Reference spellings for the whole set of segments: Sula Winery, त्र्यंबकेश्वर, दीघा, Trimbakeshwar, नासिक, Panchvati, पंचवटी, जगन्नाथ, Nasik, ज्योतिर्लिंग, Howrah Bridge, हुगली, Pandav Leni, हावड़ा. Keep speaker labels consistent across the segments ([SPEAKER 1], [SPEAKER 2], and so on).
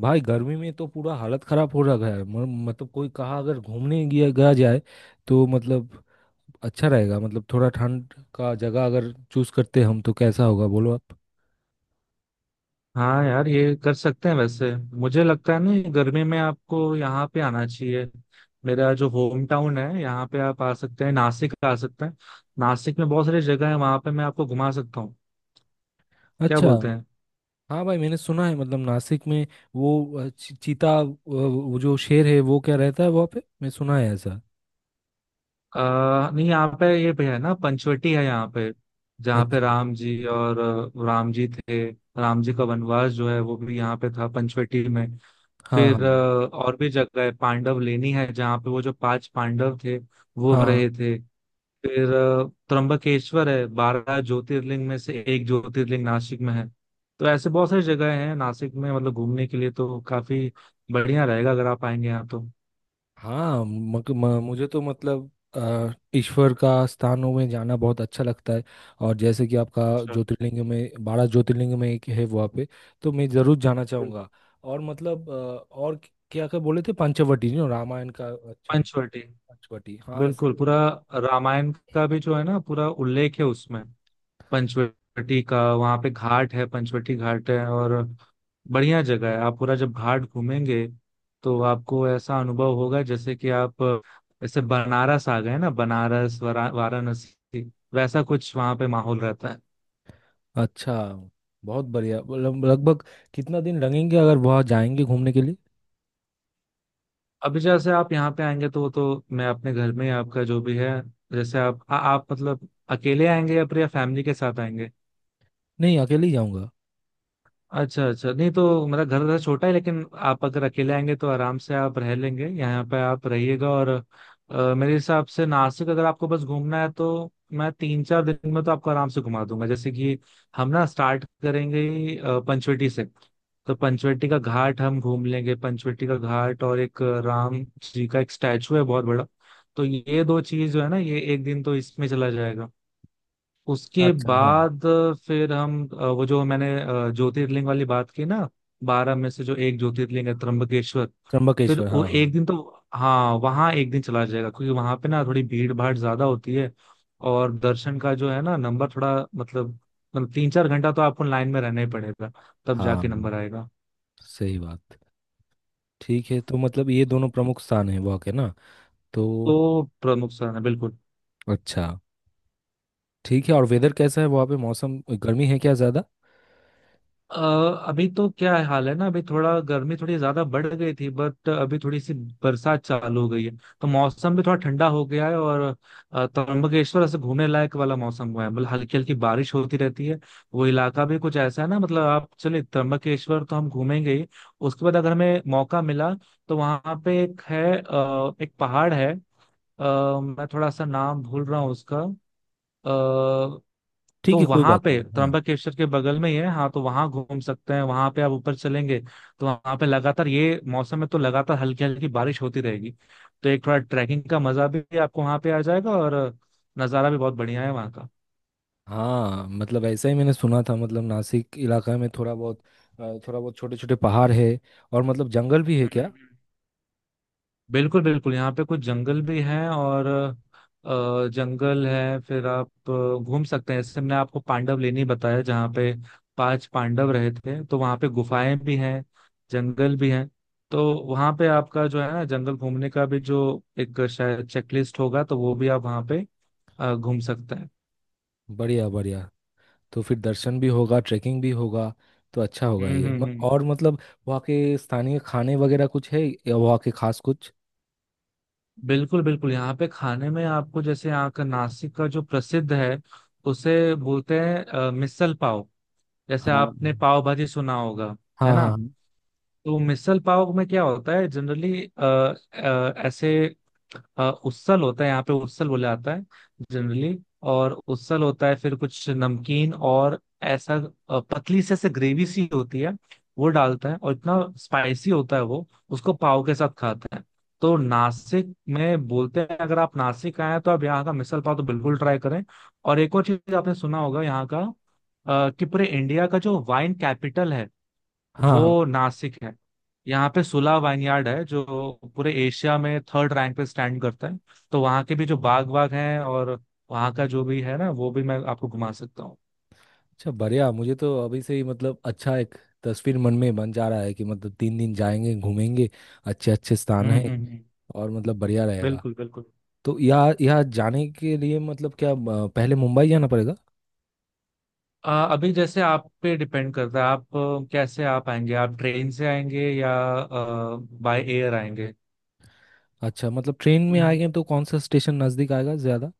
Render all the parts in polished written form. [SPEAKER 1] भाई, गर्मी में तो पूरा हालत खराब हो रखा है। मतलब कोई कहा अगर घूमने गया गया जाए तो मतलब अच्छा रहेगा। मतलब थोड़ा ठंड का जगह अगर चूज करते हम तो कैसा होगा, बोलो आप।
[SPEAKER 2] हाँ यार, ये कर सकते हैं वैसे। मुझे लगता है ना, ये गर्मी में आपको यहाँ पे आना चाहिए। मेरा जो होम टाउन है, यहाँ पे आप आ सकते हैं, नासिक आ सकते हैं। नासिक में बहुत सारी जगह है, वहाँ पे मैं आपको घुमा सकता हूँ। क्या
[SPEAKER 1] अच्छा।
[SPEAKER 2] बोलते हैं?
[SPEAKER 1] हाँ भाई, मैंने सुना है मतलब नासिक में वो चीता, वो जो शेर है वो क्या रहता है वहाँ पे, मैं सुना है ऐसा।
[SPEAKER 2] नहीं, यहाँ पे ये भी है ना, पंचवटी है यहाँ पे, जहाँ पे
[SPEAKER 1] अच्छा।
[SPEAKER 2] राम जी और राम जी थे। राम जी का वनवास जो है वो भी यहाँ पे था, पंचवटी में।
[SPEAKER 1] हाँ, हाँ।
[SPEAKER 2] फिर और भी जगह है, पांडव लेनी है, जहाँ पे वो जो पांच पांडव थे, वो
[SPEAKER 1] हाँ,
[SPEAKER 2] रहे थे। फिर त्र्यंबकेश्वर है, 12 ज्योतिर्लिंग में से एक ज्योतिर्लिंग नासिक में है। तो ऐसे बहुत
[SPEAKER 1] हाँ,
[SPEAKER 2] सारी जगह हैं नासिक में, मतलब घूमने के लिए तो काफी बढ़िया रहेगा अगर आप आएंगे यहाँ तो।
[SPEAKER 1] हाँ, मुझे तो मतलब ईश्वर का स्थानों में जाना बहुत अच्छा लगता है। और जैसे कि आपका
[SPEAKER 2] अच्छा।
[SPEAKER 1] ज्योतिर्लिंग में, 12 ज्योतिर्लिंग में एक है वहाँ पे, तो मैं ज़रूर जाना
[SPEAKER 2] बिल्कुल।
[SPEAKER 1] चाहूँगा। और मतलब और क्या क्या बोले थे? पंचवटी, नहीं, रामायण का। अच्छा।
[SPEAKER 2] पंचवटी।
[SPEAKER 1] पंचवटी, हाँ
[SPEAKER 2] बिल्कुल
[SPEAKER 1] सही
[SPEAKER 2] पूरा
[SPEAKER 1] है।
[SPEAKER 2] रामायण का भी जो है ना, पूरा उल्लेख है उसमें। पंचवटी का वहाँ पे घाट है, पंचवटी घाट है। और बढ़िया जगह है, आप पूरा जब घाट घूमेंगे तो आपको ऐसा अनुभव होगा जैसे कि आप जैसे बनारस आ गए ना, बनारस वाराणसी। वैसा कुछ वहाँ पे माहौल रहता है।
[SPEAKER 1] अच्छा। बहुत बढ़िया। मतलब लगभग कितना दिन लगेंगे अगर वहाँ जाएंगे घूमने के लिए?
[SPEAKER 2] अभी जैसे आप यहाँ पे आएंगे तो मैं अपने घर में ही आपका जो भी है। जैसे आप मतलब अकेले आएंगे या फिर फैमिली के साथ आएंगे?
[SPEAKER 1] नहीं, अकेले ही जाऊँगा।
[SPEAKER 2] अच्छा अच्छा, नहीं तो मेरा घर वैसे छोटा है, लेकिन आप अगर अकेले आएंगे तो आराम से आप रह लेंगे, यहाँ पे आप रहिएगा। और मेरे हिसाब से नासिक अगर आपको बस घूमना है तो मैं 3-4 दिन में तो आपको आराम से घुमा दूंगा। जैसे कि हम ना स्टार्ट करेंगे ही, पंचवटी से। तो पंचवटी का घाट हम घूम लेंगे, पंचवटी का घाट और एक राम जी का एक स्टैचू है बहुत बड़ा। तो ये दो चीज जो है ना, ये एक दिन तो इसमें चला जाएगा। उसके
[SPEAKER 1] अच्छा। हाँ।
[SPEAKER 2] बाद फिर हम वो जो मैंने ज्योतिर्लिंग वाली बात की ना, 12 में से जो एक ज्योतिर्लिंग है त्र्यंबकेश्वर। फिर
[SPEAKER 1] त्र्यंबकेश्वर,
[SPEAKER 2] वो
[SPEAKER 1] हाँ हाँ।
[SPEAKER 2] एक दिन तो, हाँ, वहाँ एक दिन चला जाएगा क्योंकि वहाँ पे ना थोड़ी भीड़ भाड़ ज्यादा होती है। और दर्शन का जो है ना, नंबर थोड़ा मतलब 3-4 घंटा तो आपको लाइन में रहना ही पड़ेगा, तब जाके नंबर
[SPEAKER 1] हाँ,
[SPEAKER 2] आएगा।
[SPEAKER 1] सही बात। ठीक है, तो मतलब ये दोनों प्रमुख स्थान है वहाँ के ना? तो
[SPEAKER 2] तो प्रमुख स्थान है बिल्कुल।
[SPEAKER 1] अच्छा। ठीक है। और वेदर कैसा है वहाँ पे? मौसम, गर्मी है क्या ज़्यादा?
[SPEAKER 2] अ, अभी तो क्या हाल है ना, अभी थोड़ा गर्मी थोड़ी ज्यादा बढ़ गई थी, बट अभी थोड़ी सी बरसात चालू हो गई है। तो मौसम भी थोड़ा ठंडा हो गया है। और त्र्यंबकेश्वर ऐसे घूमने लायक वाला मौसम हुआ है, मतलब हल्की हल्की बारिश होती रहती है। वो इलाका भी कुछ ऐसा है ना, मतलब आप चलिए त्र्यंबकेश्वर तो हम घूमेंगे ही। उसके बाद अगर हमें मौका मिला तो वहां पे एक है, एक पहाड़ है। मैं थोड़ा सा नाम भूल रहा हूँ उसका। अ,
[SPEAKER 1] ठीक
[SPEAKER 2] तो
[SPEAKER 1] है, कोई
[SPEAKER 2] वहां
[SPEAKER 1] बात
[SPEAKER 2] पे
[SPEAKER 1] नहीं। हाँ।
[SPEAKER 2] त्र्यंबकेश्वर के बगल में ही है, हाँ। तो वहां घूम सकते हैं, वहां पे आप ऊपर चलेंगे तो वहां पे लगातार ये मौसम में तो लगातार हल्की हल्की बारिश होती रहेगी। तो एक थोड़ा ट्रैकिंग का मजा भी आपको वहां पे आ जाएगा, और नज़ारा भी बहुत बढ़िया है वहाँ का।
[SPEAKER 1] हाँ मतलब ऐसा ही मैंने सुना था, मतलब नासिक इलाका में थोड़ा बहुत थोड़ा बहुत छोटे छोटे पहाड़ है, और मतलब जंगल भी है क्या?
[SPEAKER 2] हम्म। बिल्कुल बिल्कुल, यहाँ पे कुछ जंगल भी हैं। और जंगल है, फिर आप घूम सकते हैं, जैसे मैंने आपको पांडव लेनी बताया जहाँ पे पांच पांडव रहे थे, तो वहाँ पे गुफाएं भी हैं, जंगल भी हैं। तो वहाँ पे आपका जो है ना, जंगल घूमने का भी जो एक शायद चेकलिस्ट होगा, तो वो भी आप वहाँ पे घूम सकते हैं।
[SPEAKER 1] बढ़िया, बढ़िया। तो फिर दर्शन भी होगा, ट्रैकिंग भी होगा, तो अच्छा होगा ये
[SPEAKER 2] हम्म।
[SPEAKER 1] और मतलब वहाँ के स्थानीय खाने वगैरह कुछ है, या वहाँ के खास कुछ?
[SPEAKER 2] बिल्कुल बिल्कुल, यहाँ पे खाने में आपको जैसे यहाँ का नासिक का जो प्रसिद्ध है उसे बोलते हैं मिसल पाव। जैसे
[SPEAKER 1] हाँ।
[SPEAKER 2] आपने पाव भाजी सुना होगा, है
[SPEAKER 1] हाँ,
[SPEAKER 2] ना?
[SPEAKER 1] हाँ।
[SPEAKER 2] तो मिसल पाव में क्या होता है जनरली? ऐसे, उसल होता है, यहाँ पे उसल बोला जाता है जनरली। और उसल होता है, फिर कुछ नमकीन और ऐसा, पतली से ऐसे ग्रेवी सी होती है, वो डालता है और इतना स्पाइसी होता है वो। उसको पाव के साथ खाता है। तो नासिक में बोलते हैं, अगर आप नासिक आए हैं तो आप यहाँ का मिसल पाव तो बिल्कुल ट्राई करें। और एक और चीज आपने सुना होगा यहाँ का, कि पूरे इंडिया का जो वाइन कैपिटल है
[SPEAKER 1] हाँ, हाँ।
[SPEAKER 2] वो नासिक है। यहाँ पे सुला वाइनयार्ड है जो पूरे एशिया में थर्ड रैंक पे स्टैंड करता है। तो वहाँ के भी जो बाग वाग हैं, और वहाँ का जो भी है ना, वो भी मैं आपको घुमा सकता हूँ।
[SPEAKER 1] अच्छा बढ़िया, मुझे तो अभी से ही मतलब अच्छा एक तस्वीर मन में बन जा रहा है कि मतलब 3 दिन जाएंगे घूमेंगे, अच्छे अच्छे स्थान
[SPEAKER 2] हम्म हम्म
[SPEAKER 1] है,
[SPEAKER 2] हम्म।
[SPEAKER 1] और मतलब बढ़िया रहेगा।
[SPEAKER 2] बिल्कुल बिल्कुल।
[SPEAKER 1] तो यहाँ यहाँ जाने के लिए मतलब क्या, पहले मुंबई जाना पड़ेगा?
[SPEAKER 2] अभी जैसे आप पे डिपेंड करता है, आप कैसे आप आएंगे, आप ट्रेन से आएंगे या बाय एयर आएंगे?
[SPEAKER 1] अच्छा, मतलब ट्रेन में आएंगे तो कौन सा स्टेशन नज़दीक आएगा ज़्यादा?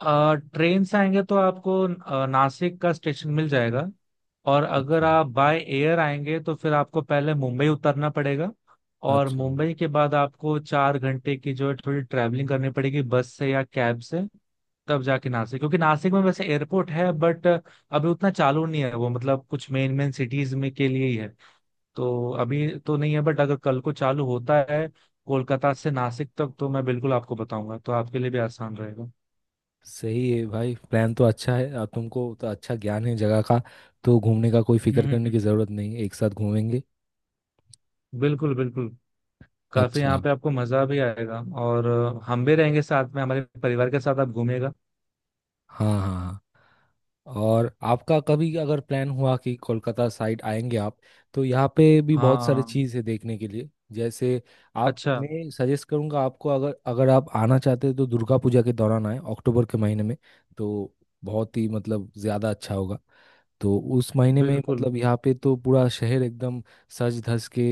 [SPEAKER 2] ट्रेन से आएंगे तो आपको नासिक का स्टेशन मिल जाएगा। और अगर
[SPEAKER 1] अच्छा।
[SPEAKER 2] आप बाय एयर आएंगे तो फिर आपको पहले मुंबई उतरना पड़ेगा। और
[SPEAKER 1] अच्छा।
[SPEAKER 2] मुंबई के बाद आपको 4 घंटे की जो है थोड़ी ट्रैवलिंग करनी पड़ेगी, बस से या कैब से, तब जाके नासिक। क्योंकि नासिक में वैसे एयरपोर्ट है, बट अभी उतना चालू नहीं है वो, मतलब कुछ मेन मेन सिटीज में के लिए ही है। तो अभी तो नहीं है, बट अगर कल को चालू होता है कोलकाता से नासिक तक तो मैं बिल्कुल आपको बताऊंगा, तो आपके लिए भी आसान रहेगा।
[SPEAKER 1] सही है भाई, प्लान तो अच्छा है, और तुमको तो अच्छा ज्ञान है जगह का, तो घूमने का कोई
[SPEAKER 2] हम्म
[SPEAKER 1] फिक्र
[SPEAKER 2] हम्म,
[SPEAKER 1] करने की
[SPEAKER 2] हम्म।
[SPEAKER 1] ज़रूरत नहीं है, एक साथ घूमेंगे।
[SPEAKER 2] बिल्कुल बिल्कुल। काफी यहाँ
[SPEAKER 1] अच्छा।
[SPEAKER 2] पे आपको मजा भी आएगा और हम भी रहेंगे साथ में, हमारे परिवार के साथ आप घूमेगा।
[SPEAKER 1] हाँ, हाँ। और आपका कभी अगर प्लान हुआ कि कोलकाता साइड आएंगे आप, तो यहाँ पे भी बहुत सारी
[SPEAKER 2] हाँ।
[SPEAKER 1] चीज़ है देखने के लिए, जैसे आप,
[SPEAKER 2] अच्छा।
[SPEAKER 1] मैं सजेस्ट करूँगा आपको, अगर अगर आप आना चाहते हैं तो दुर्गा पूजा के दौरान आए, अक्टूबर के महीने में, तो बहुत ही मतलब ज़्यादा अच्छा होगा। तो उस महीने में
[SPEAKER 2] बिल्कुल।
[SPEAKER 1] मतलब यहाँ पे तो पूरा शहर एकदम सज धज के,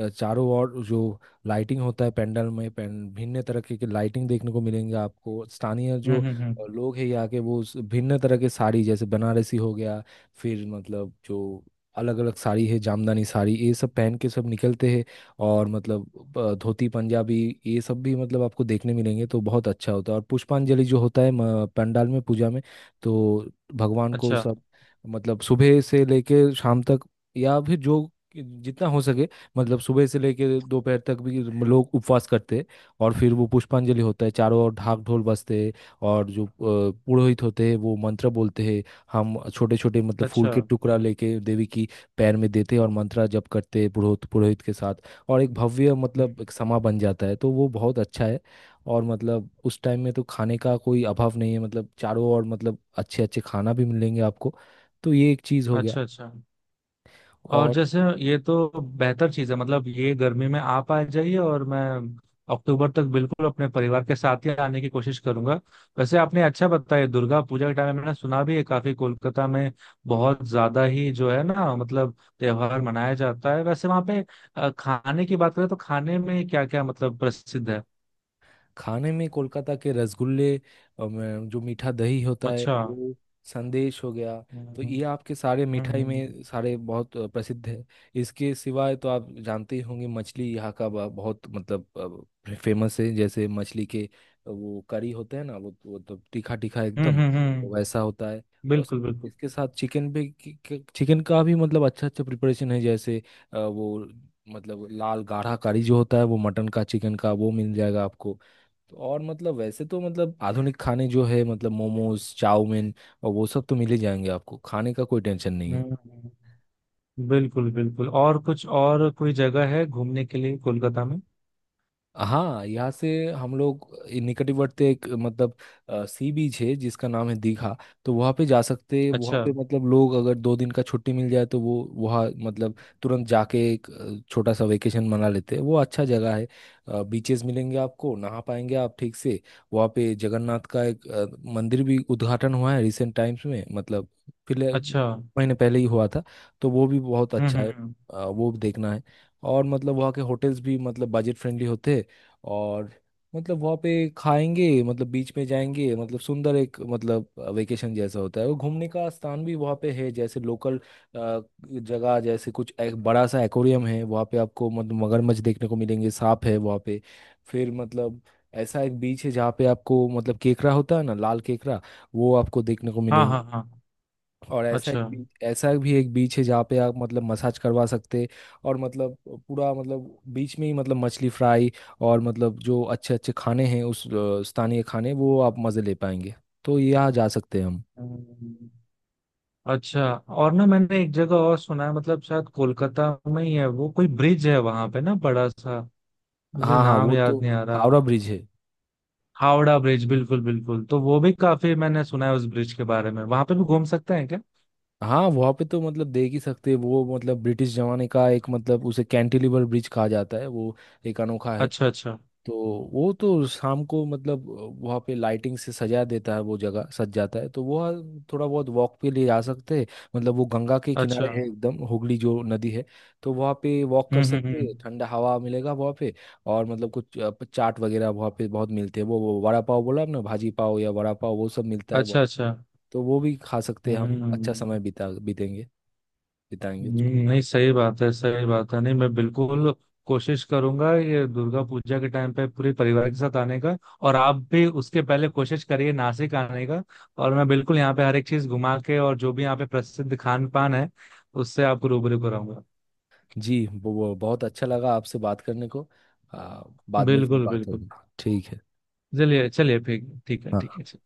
[SPEAKER 1] चारों ओर जो लाइटिंग होता है पंडाल में, पें भिन्न तरह के लाइटिंग देखने को मिलेंगे आपको, स्थानीय जो
[SPEAKER 2] हम्म।
[SPEAKER 1] लोग हैं यहाँ के, वो उस भिन्न तरह के साड़ी, जैसे बनारसी हो गया, फिर मतलब जो अलग अलग साड़ी है, जामदानी साड़ी, ये सब पहन के सब निकलते हैं, और मतलब धोती पंजाबी, ये सब भी मतलब आपको देखने मिलेंगे, तो बहुत अच्छा होता है। और पुष्पांजलि जो होता है पंडाल में पूजा में, तो भगवान को
[SPEAKER 2] अच्छा
[SPEAKER 1] सब मतलब सुबह से लेके शाम तक, या फिर जो जितना हो सके, मतलब सुबह से लेके दोपहर तक भी लोग उपवास करते हैं, और फिर वो पुष्पांजलि होता है, चारों ओर ढाक ढोल बजते हैं, और जो पुरोहित होते हैं वो मंत्र बोलते हैं, हम छोटे छोटे मतलब फूल
[SPEAKER 2] अच्छा।
[SPEAKER 1] के टुकड़ा लेके देवी की पैर में देते हैं और मंत्र जप करते हैं पुरोहित, पुरोहित के साथ, और एक भव्य
[SPEAKER 2] हम्म।
[SPEAKER 1] मतलब एक समा बन जाता है, तो वो बहुत अच्छा है। और मतलब उस टाइम में तो खाने का कोई अभाव नहीं है, मतलब चारों ओर मतलब अच्छे अच्छे खाना भी मिलेंगे आपको। तो ये एक चीज़ हो गया।
[SPEAKER 2] अच्छा अच्छा। और
[SPEAKER 1] और
[SPEAKER 2] जैसे, ये तो बेहतर चीज है, मतलब ये गर्मी में आप आ जाइए और मैं अक्टूबर तक बिल्कुल अपने परिवार के साथ ही आने की कोशिश करूंगा। वैसे आपने अच्छा बताया, दुर्गा पूजा के टाइम में मैंने सुना भी है काफी। कोलकाता में बहुत ज्यादा ही जो है ना, मतलब त्योहार मनाया जाता है वैसे वहां पे। खाने की बात करें तो खाने में क्या क्या मतलब प्रसिद्ध है?
[SPEAKER 1] खाने में कोलकाता के रसगुल्ले, जो मीठा दही होता है
[SPEAKER 2] अच्छा।
[SPEAKER 1] वो, संदेश हो गया,
[SPEAKER 2] हम्म
[SPEAKER 1] तो ये आपके सारे मिठाई
[SPEAKER 2] हम्म।
[SPEAKER 1] में सारे बहुत प्रसिद्ध है। इसके सिवाय तो आप जानते ही होंगे, मछली यहाँ का बहुत मतलब फेमस है। जैसे मछली के वो करी होते हैं ना, वो तो तीखा तीखा एकदम, तो वैसा
[SPEAKER 2] हम्म।
[SPEAKER 1] होता है। और
[SPEAKER 2] बिल्कुल बिल्कुल।
[SPEAKER 1] इसके साथ चिकन भी, चिकन का भी मतलब अच्छा अच्छा प्रिपरेशन है, जैसे वो मतलब लाल गाढ़ा करी जो होता है वो, मटन का, चिकन का, वो मिल जाएगा आपको। तो और मतलब वैसे तो मतलब आधुनिक खाने जो है, मतलब मोमोज, चाउमीन और वो सब तो मिल ही जाएंगे आपको, खाने का कोई टेंशन नहीं
[SPEAKER 2] हम्म
[SPEAKER 1] है।
[SPEAKER 2] हम्म, हम्म। बिल्कुल बिल्कुल। और कुछ और कोई जगह है घूमने के लिए कोलकाता में?
[SPEAKER 1] हाँ, यहाँ से हम लोग निकटवर्ती एक मतलब सी बीच है जिसका नाम है दीघा, तो वहाँ पे जा सकते हैं। वहाँ
[SPEAKER 2] अच्छा
[SPEAKER 1] पे मतलब लोग अगर 2 दिन का छुट्टी मिल जाए तो वो वहाँ मतलब तुरंत जाके एक छोटा सा वेकेशन मना लेते हैं। वो अच्छा जगह है, बीचेस मिलेंगे आपको, नहा पाएंगे आप ठीक से। वहाँ पे जगन्नाथ का एक मंदिर भी उद्घाटन हुआ है रिसेंट टाइम्स में, मतलब पिछले
[SPEAKER 2] अच्छा।
[SPEAKER 1] महीने पहले ही हुआ था, तो वो भी बहुत
[SPEAKER 2] हम्म
[SPEAKER 1] अच्छा है।
[SPEAKER 2] हम्म।
[SPEAKER 1] वो भी देखना है। और मतलब वहाँ के होटल्स भी मतलब बजट फ्रेंडली होते हैं, और मतलब वहाँ पे खाएंगे, मतलब बीच में जाएंगे, मतलब सुंदर एक मतलब वेकेशन जैसा होता है, वो घूमने का स्थान भी वहाँ पे है, जैसे लोकल जगह, जैसे कुछ एक बड़ा सा एक्वेरियम है वहाँ पे, आपको मतलब मगरमच्छ देखने को मिलेंगे, सांप है वहाँ पे। फिर मतलब ऐसा एक बीच है जहाँ पे आपको मतलब केकड़ा होता है ना, लाल केकड़ा, वो आपको देखने को
[SPEAKER 2] हाँ हाँ
[SPEAKER 1] मिलेंगे।
[SPEAKER 2] हाँ।
[SPEAKER 1] और ऐसा
[SPEAKER 2] अच्छा।
[SPEAKER 1] एक बीच, ऐसा भी एक बीच है जहाँ पे आप मतलब मसाज करवा सकते, और मतलब पूरा मतलब बीच में ही मतलब मछली फ्राई, और मतलब जो अच्छे अच्छे खाने हैं उस स्थानीय खाने वो आप मज़े ले पाएंगे, तो यहाँ जा सकते हैं हम।
[SPEAKER 2] हम्म। अच्छा, और ना मैंने एक जगह और सुना है, मतलब शायद कोलकाता में ही है, वो कोई ब्रिज है वहां पे ना बड़ा सा, मुझे
[SPEAKER 1] हाँ हाँ,
[SPEAKER 2] नाम
[SPEAKER 1] वो तो
[SPEAKER 2] याद नहीं आ रहा।
[SPEAKER 1] हावड़ा ब्रिज है।
[SPEAKER 2] हावड़ा ब्रिज, बिल्कुल बिल्कुल, तो वो भी काफी मैंने सुना है उस ब्रिज के बारे में, वहां पे भी घूम सकते हैं क्या?
[SPEAKER 1] हाँ वहाँ पे तो मतलब देख ही सकते हैं वो, मतलब ब्रिटिश जमाने का एक, मतलब उसे कैंटिलीवर ब्रिज कहा जाता है, वो एक अनोखा है।
[SPEAKER 2] अच्छा अच्छा।
[SPEAKER 1] तो वो तो शाम को मतलब वहाँ पे लाइटिंग से सजा देता है, वो जगह सज जाता है, तो वह थोड़ा बहुत वॉक पे ले जा सकते हैं। मतलब वो गंगा के
[SPEAKER 2] अच्छा।
[SPEAKER 1] किनारे है एकदम, हुगली जो नदी है, तो वहाँ पे वॉक कर सकते
[SPEAKER 2] हम्म।
[SPEAKER 1] हैं, ठंडा हवा मिलेगा वहाँ पे। और मतलब कुछ चाट वगैरह वहाँ पे बहुत मिलते हैं, वो वड़ा पाव बोला ना, भाजी पाव या वड़ा पाव, वो सब मिलता है
[SPEAKER 2] अच्छा
[SPEAKER 1] बहुत।
[SPEAKER 2] अच्छा।
[SPEAKER 1] तो वो भी खा सकते हैं हम, अच्छा
[SPEAKER 2] हम्म
[SPEAKER 1] समय बिता बीतेंगे बिताएंगे।
[SPEAKER 2] हम्म, नहीं, सही बात है, सही बात है। नहीं, मैं बिल्कुल कोशिश करूंगा ये दुर्गा पूजा के टाइम पे पूरे परिवार के साथ आने का। और आप भी उसके पहले कोशिश करिए नासिक आने का। और मैं बिल्कुल यहाँ पे हर एक चीज घुमा के और जो भी यहाँ पे प्रसिद्ध खान पान है, उससे आपको रूबरू कराऊंगा।
[SPEAKER 1] जी, वो बहुत अच्छा लगा आपसे बात करने को। आ, बाद में फिर
[SPEAKER 2] बिल्कुल
[SPEAKER 1] बात
[SPEAKER 2] बिल्कुल।
[SPEAKER 1] होगी। ठीक है।
[SPEAKER 2] चलिए चलिए फिर। ठीक है ठीक
[SPEAKER 1] हाँ।
[SPEAKER 2] है।